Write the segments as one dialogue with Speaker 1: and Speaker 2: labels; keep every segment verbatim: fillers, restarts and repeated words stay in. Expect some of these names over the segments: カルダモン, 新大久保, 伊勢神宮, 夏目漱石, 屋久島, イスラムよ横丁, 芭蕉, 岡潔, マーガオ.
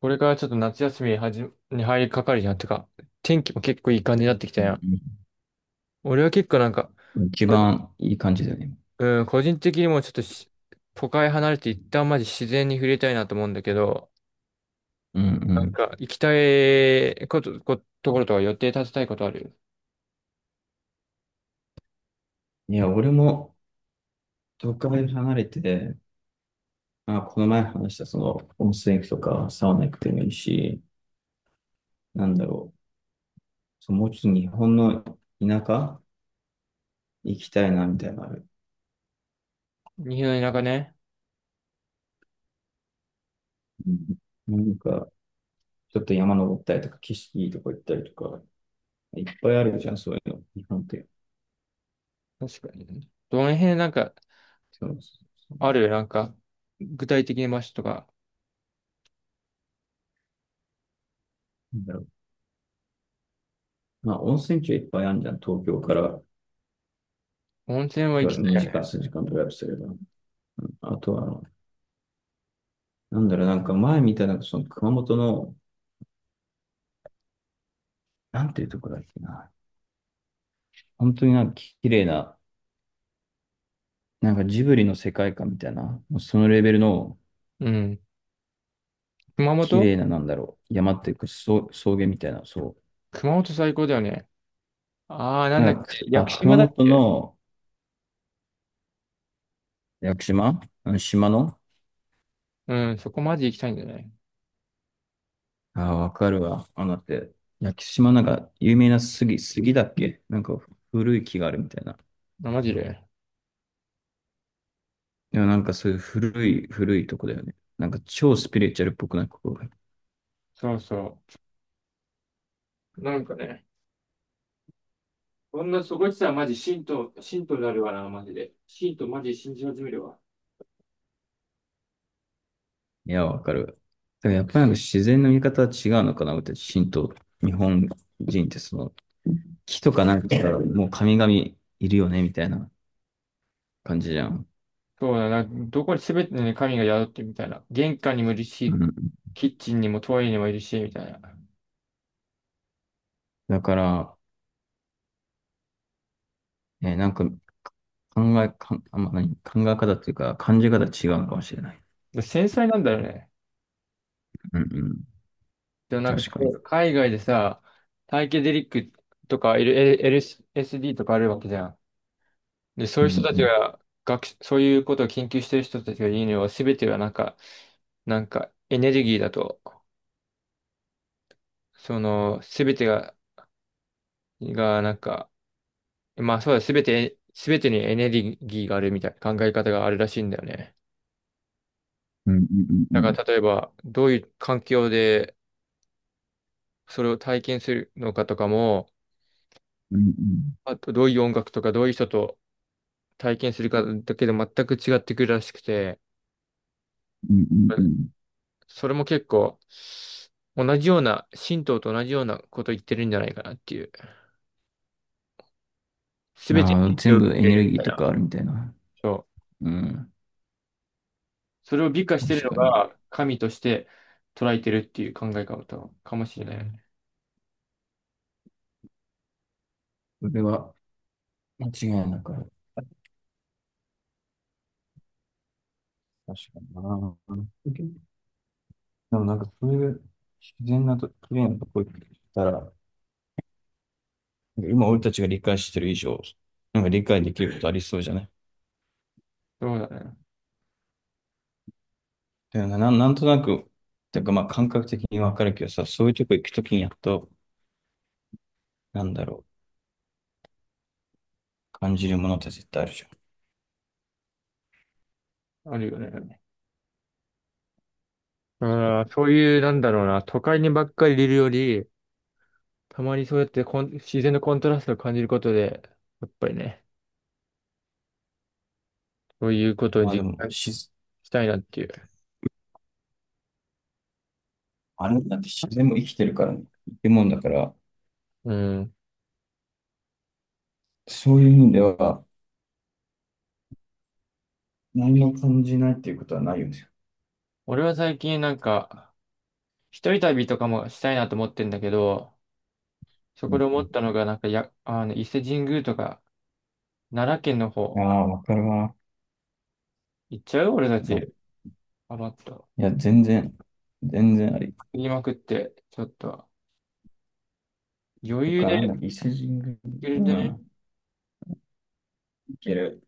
Speaker 1: これからちょっと夏休みにはじに入りかかるじゃん。てか、天気も結構いい感じになってきた
Speaker 2: う
Speaker 1: やん。
Speaker 2: ん。
Speaker 1: 俺は結構なんか、
Speaker 2: 一
Speaker 1: 個人
Speaker 2: 番いい感じだよね。
Speaker 1: うん、個人的にもちょっとし都会離れて一旦マジ自然に触れたいなと思うんだけど、
Speaker 2: う
Speaker 1: なん
Speaker 2: ん
Speaker 1: か行きたいこと、こ、ところとか予定立てたいことある？
Speaker 2: うん。いや、俺も都会離れて、まあ、この前話したその温泉行くとかサウナ行くでもいいし、なんだろう。そうもうちょっと日本の田舎行きたいなみたいなのある。
Speaker 1: 日本の田舎ね。
Speaker 2: うん。なんか、ちょっと山登ったりとか、景色いいとこ行ったりとか、いっぱいあるじゃん、そういうの。日本って。
Speaker 1: 確かにね。どの辺なんか、
Speaker 2: そうそうそう。
Speaker 1: あるなんか、具体的な場所とか？
Speaker 2: なんだろう。まあ、温泉地はいっぱいあるじゃん。東京から
Speaker 1: 温泉は
Speaker 2: ど
Speaker 1: 行き
Speaker 2: れ
Speaker 1: たい
Speaker 2: 2
Speaker 1: よ
Speaker 2: 時間、
Speaker 1: ね。
Speaker 2: さんじかんドライブすれば。うん、あとは、なんだろう、なんか前見たなんかその熊本の、なんていうとこだっけな。本当になんか綺麗な、なんかジブリの世界観みたいな、もうそのレベルの
Speaker 1: うん。熊
Speaker 2: 綺
Speaker 1: 本。
Speaker 2: 麗な、なんだろう、山っていうか草、草原みたいな、そ
Speaker 1: 熊本最高だよね。ああ、な
Speaker 2: う。
Speaker 1: ん
Speaker 2: な
Speaker 1: だっけ、
Speaker 2: んかく、
Speaker 1: 屋
Speaker 2: あ、
Speaker 1: 久
Speaker 2: 熊
Speaker 1: 島だっ
Speaker 2: 本
Speaker 1: け？
Speaker 2: の屋久島あの島の。
Speaker 1: うん、そこマジ行きたいんだよね。
Speaker 2: ああ、わかるわ。あのだって、屋久島なんか有名な杉、杉だっけなんか古い木があるみたいな。
Speaker 1: あ、マジで。
Speaker 2: でもなんかそういう古い、古いとこだよね。なんか超スピリチュアルっぽくないここ。
Speaker 1: そうそう。なんかね、こんなそこ行ってたらマジ信徒、信徒になるわな、マジで。信徒マジ信じ始めるわ。
Speaker 2: いや、わかる。だからやっぱりなんか自然の見方は違うのかな、私たち、神道、日本人ってその、木とかなんかからもう神々いるよね、みたいな感じじゃん。
Speaker 1: そうだな、どこに全てね、神が宿ってるみたいな。玄関にもいる
Speaker 2: う
Speaker 1: し、
Speaker 2: ん。
Speaker 1: キッチンにもトイレにもいるし、みたいな。
Speaker 2: だから、えーなんか考え、かんあ、まあ、何、考え方っていうか、感じ方違うのかもしれない。
Speaker 1: で、繊細なんだよね。
Speaker 2: うんうん。
Speaker 1: でもなん
Speaker 2: 確
Speaker 1: か、
Speaker 2: かに。
Speaker 1: 海外でさ、サイケデリックとか、L- L- エルエスディー とかあるわけじゃん。で、そう
Speaker 2: う
Speaker 1: いう人たち
Speaker 2: ん
Speaker 1: が、学、そういうことを研究してる人たちが言うには、全てはなんか、なんか、エネルギーだと、その、すべてが、が、なんか、まあそうだ、すべて、すべてにエネルギーがあるみたいな考え方があるらしいんだよね。
Speaker 2: うんうんうん
Speaker 1: だ
Speaker 2: う
Speaker 1: か
Speaker 2: ん
Speaker 1: ら、例えば、どういう環境で、それを体験するのかとかも、
Speaker 2: うん
Speaker 1: あと、どういう音楽とか、どういう人と体験するかだけで全く違ってくるらしくて、
Speaker 2: うんうんうん
Speaker 1: それも結構、同じような、神道と同じようなこと言ってるんじゃないかなっていう。す
Speaker 2: うん。
Speaker 1: べてに
Speaker 2: ああ、
Speaker 1: 影響を
Speaker 2: 全
Speaker 1: 受
Speaker 2: 部エ
Speaker 1: け
Speaker 2: ネ
Speaker 1: る
Speaker 2: ル
Speaker 1: み
Speaker 2: ギ
Speaker 1: た
Speaker 2: ー
Speaker 1: い
Speaker 2: と
Speaker 1: な。
Speaker 2: かあるみたいな。
Speaker 1: そう、
Speaker 2: うん。
Speaker 1: それを美化してる
Speaker 2: 確
Speaker 1: の
Speaker 2: かに。
Speaker 1: が神として捉えてるっていう考え方かもしれないよね。
Speaker 2: それは間違いなくある。確かにな。でもなんかそういう自然なと、綺麗なとこ行ったら、なんか今俺たちが理解してる以上、なんか理解できることありそうじゃない。
Speaker 1: そうだね。
Speaker 2: だよね、なん、なんとなく、てかまあ感覚的にわかるけどさ、そういうとこ行くときにやっと、なんだろう、感じるものって絶対あるじゃん。
Speaker 1: あるよね。ああ、そういう、なんだろうな、都会にばっかりいるより、たまにそうやってコン自然のコントラストを感じることで、やっぱりね、そういうことを
Speaker 2: まあで
Speaker 1: 実
Speaker 2: も、
Speaker 1: 感
Speaker 2: し、
Speaker 1: したいなっていう。
Speaker 2: あれだって自然も生きてるからね、生き物だから、
Speaker 1: うん。
Speaker 2: そういう意味では、何も感じないっていうことはないよね。
Speaker 1: 俺は最近なんか、一人旅とかもしたいなと思ってんだけど、そ
Speaker 2: う
Speaker 1: こ
Speaker 2: ん
Speaker 1: で思ったのが、なんかや、あの、伊勢神宮とか、奈良県の
Speaker 2: うん。あ
Speaker 1: 方、
Speaker 2: あ、わかるわ。
Speaker 1: 行っちゃう俺た
Speaker 2: うん。
Speaker 1: ち。
Speaker 2: い
Speaker 1: 余った。
Speaker 2: や、全然、全然あり。
Speaker 1: 言いまくって、ちょっと、余
Speaker 2: と
Speaker 1: 裕
Speaker 2: か、なん
Speaker 1: で、
Speaker 2: だっけ、伊勢神宮、
Speaker 1: 余
Speaker 2: う
Speaker 1: 裕でね、
Speaker 2: ん、いける。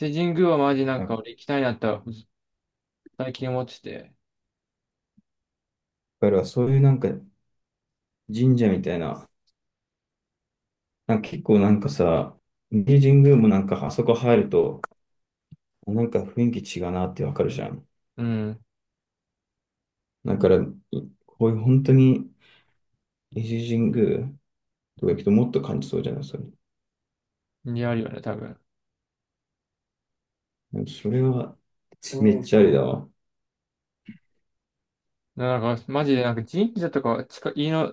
Speaker 1: 伊勢神宮はマジなん
Speaker 2: だ
Speaker 1: か俺行きたいなとは最近思ってて、
Speaker 2: からそういうなんか神社みたいな、なんか結構なんかさ、伊勢神宮もなんかあそこ入ると、なんか雰囲気違うなってわかるじゃん。
Speaker 1: うん、
Speaker 2: だから、いこういう本当に伊勢神宮とか行くともっと感じそうじゃない、それ。
Speaker 1: にあるよね、多分。
Speaker 2: なんかそれはめっちゃありだわ。
Speaker 1: なんか、マジでなんか神社とか、近、家の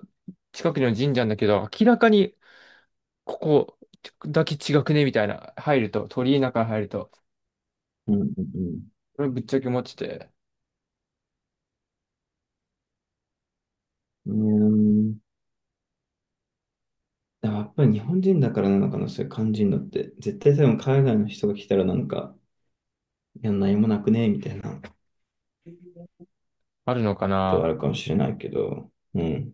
Speaker 1: 近くの神社なんだけど、明らかにここだけ違くね、みたいな、入ると、鳥居の中入ると、
Speaker 2: うんうん
Speaker 1: これぶっちゃけ思ってて、
Speaker 2: うん。うーん、でやっぱり日本人だからなのかな、そういう感じるのって。絶対多分海外の人が来たらなんか、いや、何もなくねみたいな。
Speaker 1: あるのか
Speaker 2: ことはあ
Speaker 1: な？
Speaker 2: るかもしれないけど、うん。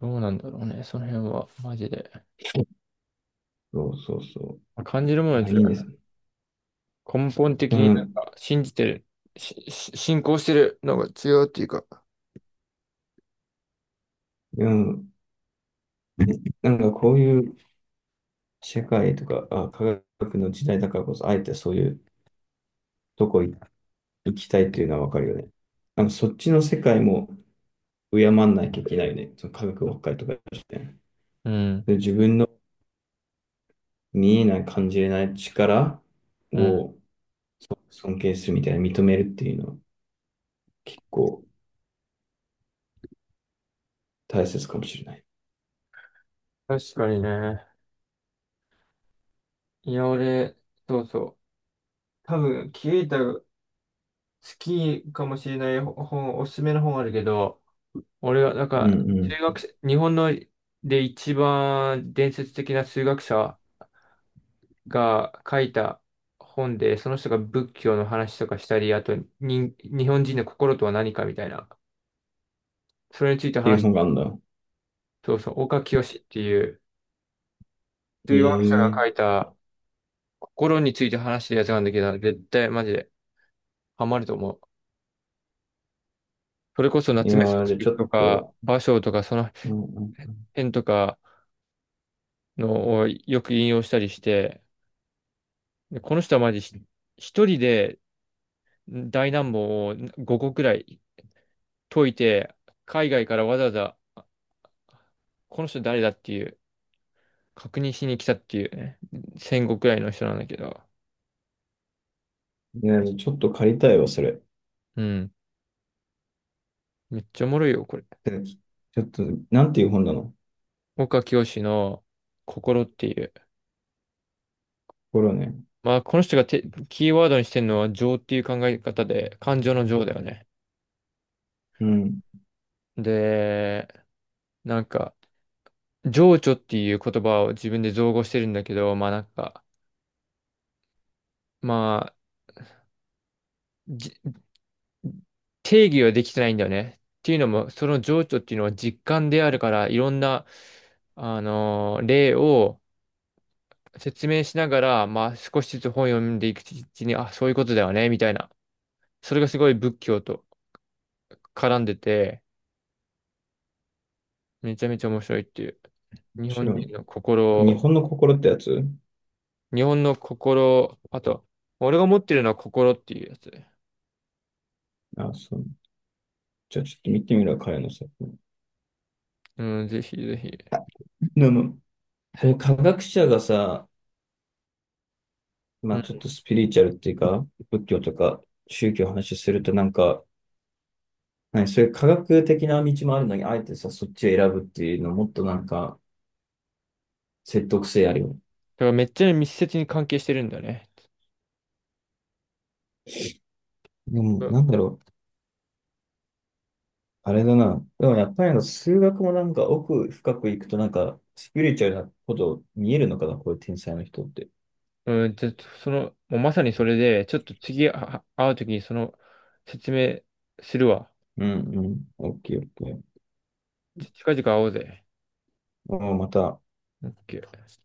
Speaker 1: どうなんだろうね、その辺は、マジで。
Speaker 2: そうそうそ
Speaker 1: 感じるも
Speaker 2: う。
Speaker 1: の
Speaker 2: い
Speaker 1: は違
Speaker 2: や、いいです
Speaker 1: う。
Speaker 2: ね。
Speaker 1: 根本的
Speaker 2: で
Speaker 1: になん
Speaker 2: も、
Speaker 1: か、信じてる、し、し信仰してるのが違うっていうか、
Speaker 2: でも、なんかこういう社会とか、あ、科学の時代だからこそ、あえてそういうとこ行きたいっていうのはわかるよね。なんかそっちの世界も敬わなきゃいけないよね。その科学ばっかりとかして。
Speaker 1: うん。
Speaker 2: で、自分の見えない、感じれない力
Speaker 1: うん。
Speaker 2: を尊敬するみたいな、認めるっていうのは結構大切かもしれない。
Speaker 1: 確かにね。いや、俺、そうそう。多分、キエタ好きかもしれない本、おすすめの本あるけど、俺が、なん
Speaker 2: う
Speaker 1: か、
Speaker 2: んう
Speaker 1: 数
Speaker 2: ん。っ
Speaker 1: 学者、日本ので一番伝説的な数学者が書いた本で、その人が仏教の話とかしたり、あと、に、日本人の心とは何かみたいな、それについて
Speaker 2: てい
Speaker 1: 話
Speaker 2: う
Speaker 1: し、
Speaker 2: 本があるんだ。
Speaker 1: そうそう、岡清っていう数学者が書
Speaker 2: え
Speaker 1: い
Speaker 2: え。
Speaker 1: た心について話してるやつなんだけど、絶対マジでハマると思う。それこそ
Speaker 2: い
Speaker 1: 夏
Speaker 2: や
Speaker 1: 目漱
Speaker 2: ー、で、ち
Speaker 1: 石
Speaker 2: ょ
Speaker 1: と
Speaker 2: っ
Speaker 1: か、
Speaker 2: と、
Speaker 1: 芭蕉とか、その
Speaker 2: うんうん。
Speaker 1: 辺とかのをよく引用したりして、で、この人はマジひ一人で大難問をごこくらい解いて、海外からわざわざ、この人誰だっていう、確認しに来たっていうね、戦後くらいの人なんだけど、
Speaker 2: いや、ちょっと借りたいわ、それ。
Speaker 1: うん、めっちゃおもろいよ、これ。
Speaker 2: でちょっと、なんていう本なの。
Speaker 1: 岡清の心っていう。
Speaker 2: 心ね。
Speaker 1: まあ、この人がてキーワードにしてるのは情っていう考え方で、感情の情だよね。
Speaker 2: うん、面
Speaker 1: で、なんか、情緒っていう言葉を自分で造語してるんだけど、まあなんか、まあ、じ定義はできてないんだよね。っていうのも、その情緒っていうのは実感であるから、いろんな、あのー例を説明しながら、まあ少しずつ本を読んでいくうちに、あ、そういうことだよね、みたいな。それがすごい仏教と絡んでて、めちゃめちゃ面白いっていう。日本
Speaker 2: 白いね。
Speaker 1: 人の心
Speaker 2: 日
Speaker 1: を、
Speaker 2: 本の心ってやつ。
Speaker 1: 日本の心、あと、俺が持ってるのは心っていうやつ。
Speaker 2: あ、そう。じゃあちょっと見てみるわ、彼の作品。
Speaker 1: うん、ぜひぜひ。
Speaker 2: でも、そういう科学者がさ、ま
Speaker 1: う
Speaker 2: あちょっ
Speaker 1: ん、
Speaker 2: とスピリチュアルっていうか、仏教とか宗教の話するとなんか、何、そういう科学的な道もあるのに、あえてさ、そっちを選ぶっていうのもっとなんか説得性あるよね。
Speaker 1: だからめっちゃ密接に関係してるんだよね。
Speaker 2: でも、なんだろう。あれだな。でもやっぱりあの数学もなんか奥深くいくとなんかスピリチュアルなこと見えるのかな、こういう天才の人って。
Speaker 1: うん、ちょっとその、もうまさにそれで、ちょっと次あ会うときにその説明するわ。
Speaker 2: うんうん。オッケーオッケー。
Speaker 1: 近々会おうぜ。
Speaker 2: もうまた
Speaker 1: オッケー